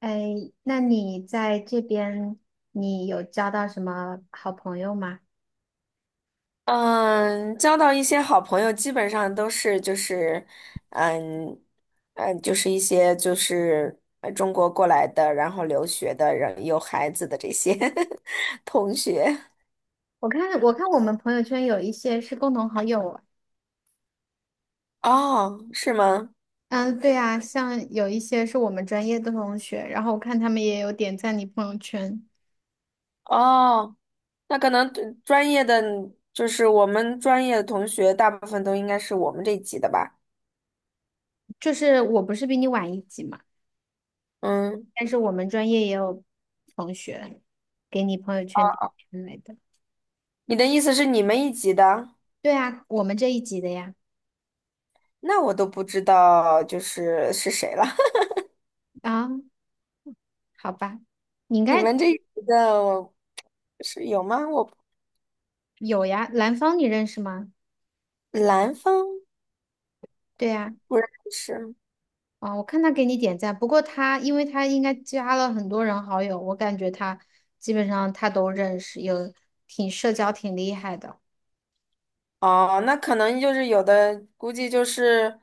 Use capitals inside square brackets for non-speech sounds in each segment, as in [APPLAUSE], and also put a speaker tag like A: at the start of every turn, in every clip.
A: 哎，那你在这边，你有交到什么好朋友吗？
B: 嗯，交到一些好朋友，基本上都是就是，嗯就是一些就是中国过来的，然后留学的人，有孩子的这些 [LAUGHS] 同学。
A: 我看我们朋友圈有一些是共同好友啊。
B: 哦，是吗？
A: 嗯，对啊，像有一些是我们专业的同学，然后我看他们也有点赞你朋友圈。
B: 哦，那可能对专业的，就是我们专业的同学，大部分都应该是我们这一级的吧？
A: 就是我不是比你晚一级嘛，
B: 嗯，
A: 但是我们专业也有同学给你朋友圈点赞来的。
B: 你的意思是你们一级的？
A: 对啊，我们这一级的呀。
B: 那我都不知道就是是谁了。
A: 啊，好吧，你应
B: 你
A: 该
B: 们这里的我是有吗？我
A: 有呀。兰芳你认识吗？
B: 兰方
A: 对呀。
B: 不认识。
A: 啊，我看他给你点赞，不过他因为他应该加了很多人好友，我感觉他基本上他都认识，有挺社交挺厉害的。
B: 哦，那可能就是有的，估计就是，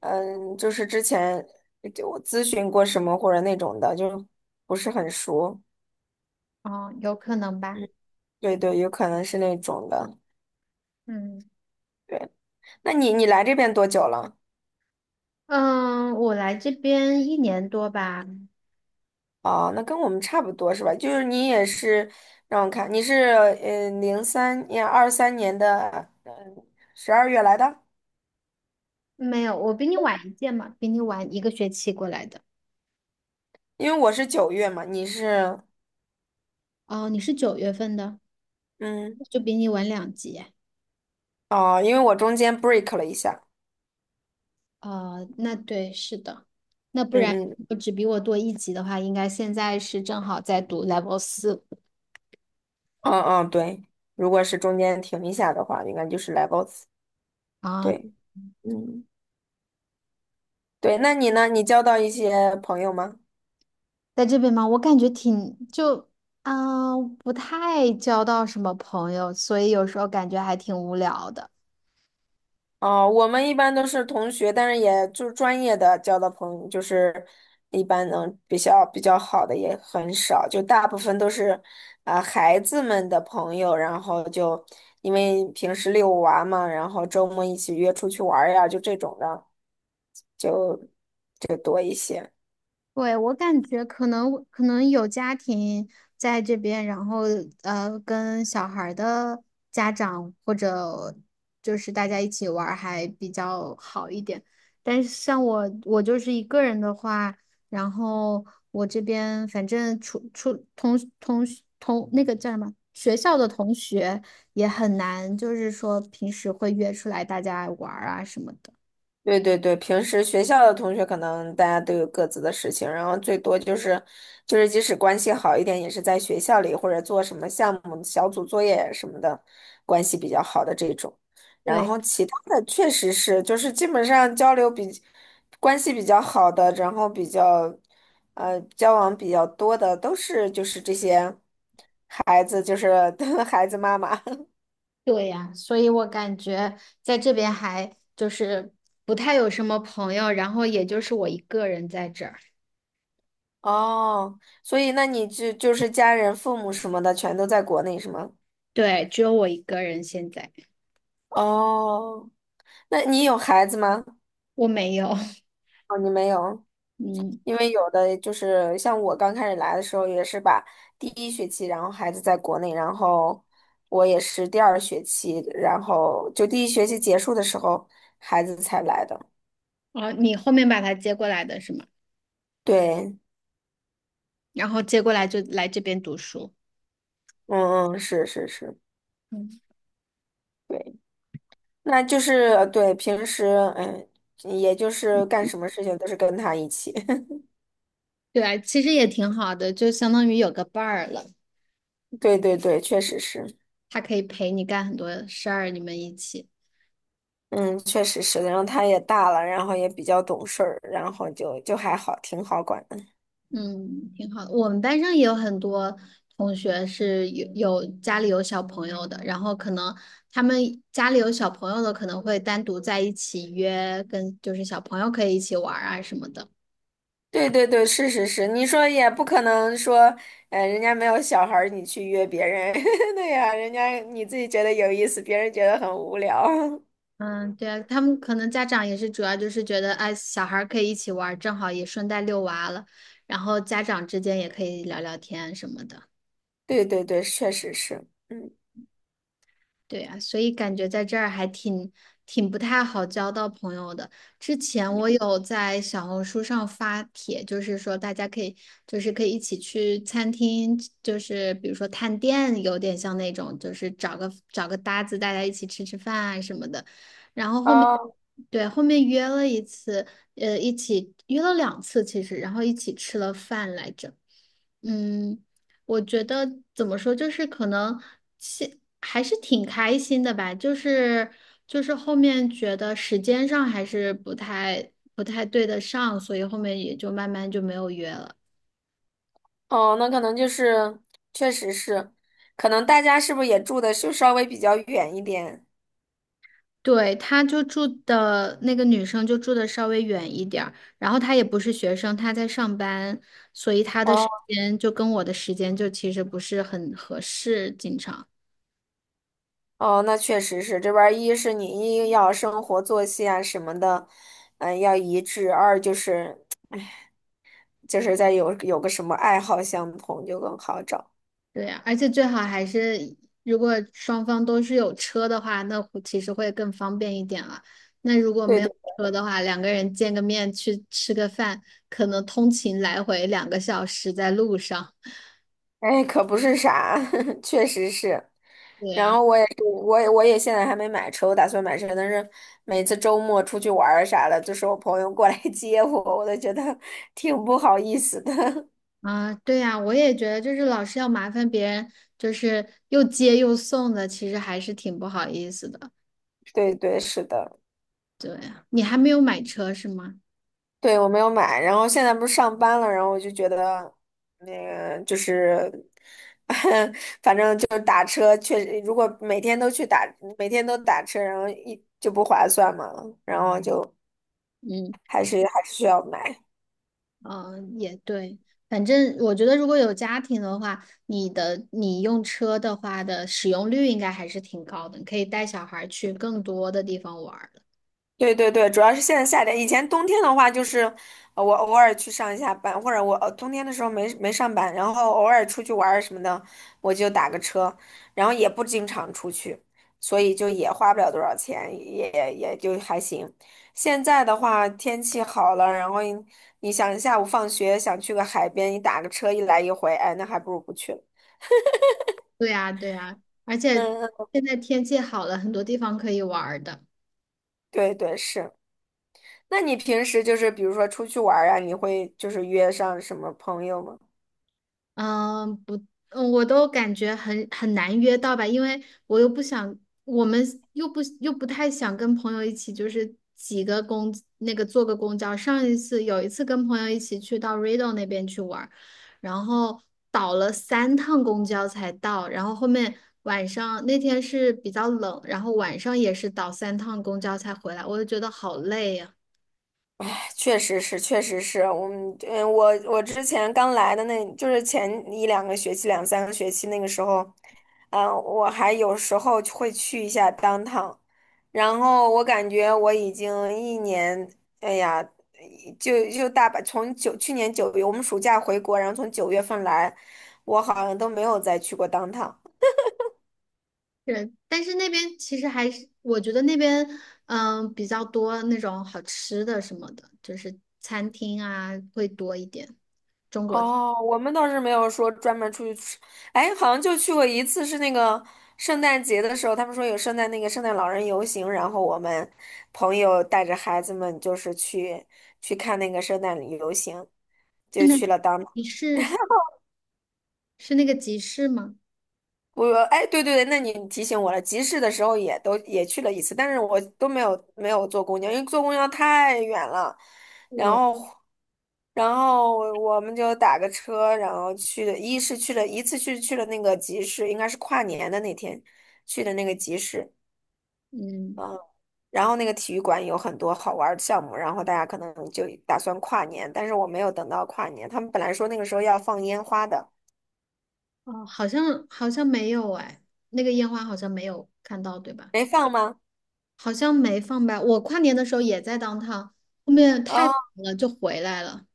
B: 就是之前就我咨询过什么或者那种的，就不是很熟。
A: 哦，有可能吧。
B: 嗯，对对，有可能是那种的。
A: 嗯
B: 对，那你来这边多久了？
A: 嗯，我来这边1年多吧。
B: 哦，那跟我们差不多是吧？就是你也是，让我看，你是零三年二三年的12月来的。
A: 没有，我比你晚一届嘛，比你晚一个学期过来的。
B: 因为我是九月嘛，你是
A: 哦，你是9月份的，
B: 嗯。
A: 就比你晚两级。
B: 哦，因为我中间 break 了一下，
A: 哦，那对，是的，那不
B: 嗯
A: 然
B: 嗯
A: 我只比我多一级的话，应该现在是正好在读 level 4。
B: 嗯嗯，对，如果是中间停一下的话，应该就是 levels，
A: 啊，
B: 对，嗯对，那你呢？你交到一些朋友吗？
A: 在这边吗？我感觉挺就啊、不太交到什么朋友，所以有时候感觉还挺无聊的。
B: 哦，我们一般都是同学，但是也就是专业的交的朋友，就是一般能比较好的也很少，就大部分都是孩子们的朋友，然后就因为平时遛娃嘛，然后周末一起约出去玩儿呀，就这种的。
A: 对，我感觉可能有家庭在这边，然后跟小孩儿的家长或者就是大家一起玩儿还比较好一点。但是像我，我就是一个人的话，然后我这边反正出出同同同那个叫什么学校的同学也很难，就是说平时会约出来大家玩儿啊什么的。
B: 对对对，平时学校的同学可能大家都有各自的事情，然后最多就是，即使关系好一点，也是在学校里或者做什么项目、小组作业什么的，关系比较好的这种。然
A: 对。
B: 后其他的确实是，就是基本上交流比关系比较好的，然后比较交往比较多的，都是就是这些孩子，就是 [LAUGHS] 孩子妈妈。
A: 对呀，所以我感觉在这边还就是不太有什么朋友，然后也就是我一个人在这儿。
B: 哦，所以那你就是家人、父母什么的全都在国内是吗？
A: 对，只有我一个人现在。
B: 哦，那你有孩子吗？
A: 我没有。
B: 哦，你没有，
A: [LAUGHS] 嗯。
B: 因为有的就是像我刚开始来的时候，也是把第一学期，然后孩子在国内，然后我也是第二学期，然后就第一学期结束的时候，孩子才来的。
A: 哦，你后面把他接过来的是吗？
B: 对，
A: 然后接过来就来这边读书。
B: 嗯嗯，是是是，
A: 嗯，
B: 对，那就是对平时，嗯，也就是干什么事情都是跟他一起。
A: 对啊，其实也挺好的，就相当于有个伴儿了，
B: 对对对，确实是，
A: 他可以陪你干很多事儿，你们一起。
B: 嗯，确实是然后他也大了，然后也比较懂事儿，然后就还好，挺好管的。
A: 嗯，挺好的。我们班上也有很多同学是有家里有小朋友的，然后可能他们家里有小朋友的，可能会单独在一起约，跟就是小朋友可以一起玩儿啊什么的。
B: 对对对，是是是，你说也不可能说，人家没有小孩儿，你去约别人，[LAUGHS] 对呀、人家你自己觉得有意思，别人觉得很无聊。
A: 嗯，对啊，他们可能家长也是主要就是觉得，哎，小孩儿可以一起玩儿正好也顺带遛娃了，然后家长之间也可以聊聊天什么的。
B: [LAUGHS] 对对对，确实是，嗯。
A: 对呀，所以感觉在这儿还挺不太好交到朋友的。之前我有在小红书上发帖，就是说大家可以，就是可以一起去餐厅，就是比如说探店，有点像那种，就是找个搭子，大家一起吃吃饭啊什么的。然后后面，
B: 哦
A: 对，后面约了一次，一起约了2次其实，然后一起吃了饭来着。嗯，我觉得怎么说，就是可能现还是挺开心的吧，就是就是后面觉得时间上还是不太对得上，所以后面也就慢慢就没有约了。
B: 哦，那可能就是，确实是，可能大家是不是也住的就稍微比较远一点？
A: 对，他就住的那个女生就住的稍微远一点儿，然后她也不是学生，她在上班，所以她的时
B: 哦。
A: 间就跟我的时间就其实不是很合适，经常。
B: 哦，那确实是这边儿一是你一要生活作息啊什么的，嗯，要一致；二就是就是在有有个什么爱好相同就更好找。
A: 对呀，而且最好还是如果双方都是有车的话，那会其实会更方便一点了。那如果
B: 对
A: 没有
B: 对，
A: 车的话，两个人见个面去吃个饭，可能通勤来回2个小时在路上。
B: 哎，可不是啥，[LAUGHS] 确实是。
A: 对
B: 然
A: 呀。
B: 后我也是，我也现在还没买车，我打算买车，但是每次周末出去玩儿啥的，就是我朋友过来 [LAUGHS] 接我，我都觉得挺不好意思的。
A: 啊，对呀，我也觉得就是老是要麻烦别人，就是又接又送的，其实还是挺不好意思的。
B: [LAUGHS] 对对，是的。
A: 对呀，你还没有买车是吗？
B: 对，我没有买，然后现在不是上班了，然后我就觉得那个就是，[LAUGHS] 反正就是打车，确实如果每天都打车，然后一就不划算嘛，然后就
A: 嗯。
B: 还是需要买。
A: 嗯，也对，反正我觉得如果有家庭的话，你用车的话的使用率应该还是挺高的，你可以带小孩儿去更多的地方玩儿的。
B: 对对对，主要是现在夏天，以前冬天的话就是，我偶尔去上一下班，或者我冬天的时候没上班，然后偶尔出去玩儿什么的，我就打个车，然后也不经常出去，所以就也花不了多少钱，也也就还行。现在的话天气好了，然后你想下午放学想去个海边，你打个车一来一回，哎，那还不如不去了。
A: 对呀，对呀，而且
B: 嗯嗯，
A: 现在天气好了，很多地方可以玩儿的。
B: 对对是。那你平时就是比如说出去玩儿啊，你会就是约上什么朋友吗？
A: 嗯，不。嗯我都感觉很难约到吧，因为我又不想，我们又不太想跟朋友一起，就是几个公那个坐个公交。上一次有一次跟朋友一起去到 Ride 那边去玩儿，然后倒了三趟公交才到，然后后面晚上那天是比较冷，然后晚上也是倒三趟公交才回来，我就觉得好累呀。
B: 确实是，我们，我之前刚来的那，就是前一2个学期、两三个学期那个时候，嗯，我还有时候会去一下当趟，然后我感觉我已经一年，哎呀，就大把，从去年九月，我们暑假回国，然后从9月份来，我好像都没有再去过当趟。
A: 是，但是那边其实还是，我觉得那边比较多那种好吃的什么的，就是餐厅啊会多一点。中国是。
B: 哦，我们倒是没有说专门出去吃，哎，好像就去过一次，是那个圣诞节的时候，他们说有圣诞老人游行，然后我们朋友带着孩子们就是去看那个圣诞游行，就
A: 那
B: 去了当。
A: 集市是那个集市吗？
B: 我说，哎，对对对，那你提醒我了。集市的时候也都去了一次，但是我都没有坐公交，因为坐公交太远了。然
A: 对，
B: 后，然后我们就打个车，然后去的，一是去了一次去了那个集市，应该是跨年的那天去的那个集市，
A: 嗯。
B: 啊。然后那个体育馆有很多好玩儿的项目，然后大家可能就打算跨年，但是我没有等到跨年，他们本来说那个时候要放烟花的，
A: 哦，好像没有哎，那个烟花好像没有看到，对吧？
B: 没放吗？
A: 好像没放吧。我跨年的时候也在当趟，后面太晚
B: 啊。
A: 了就回来了。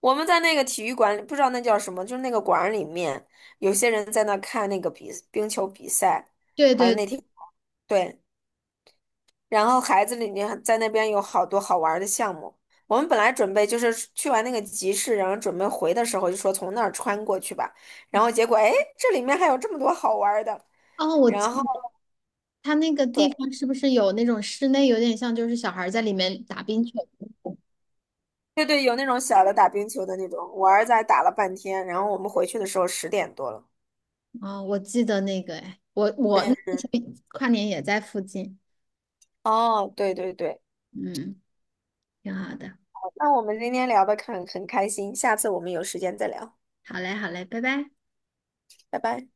B: 我们在那个体育馆里，不知道那叫什么，就是那个馆儿里面，有些人在那看那个冰球比赛，
A: 对
B: 好像
A: 对。
B: 那天对，然后孩子里面在那边有好多好玩儿的项目。我们本来准备就是去完那个集市，然后准备回的时候就说从那儿穿过去吧，然后结果哎，诶这里面还有这么多好玩儿的。
A: 哦，
B: 然后
A: 它那个地
B: 对
A: 方是不是有那种室内，有点像就是小孩儿在里面打冰球？
B: 对对，有那种小的打冰球的那种，我儿子还打了半天，然后我们回去的时候10点多了。
A: 哦，我记得那个，哎，我那
B: 嗯
A: 个
B: 嗯，
A: 时候跨年也在附近。
B: 哦，对对对。
A: 嗯，挺好的。
B: 那我们今天聊得很开心，下次我们有时间再聊，
A: 好嘞，好嘞，拜拜。
B: 拜拜。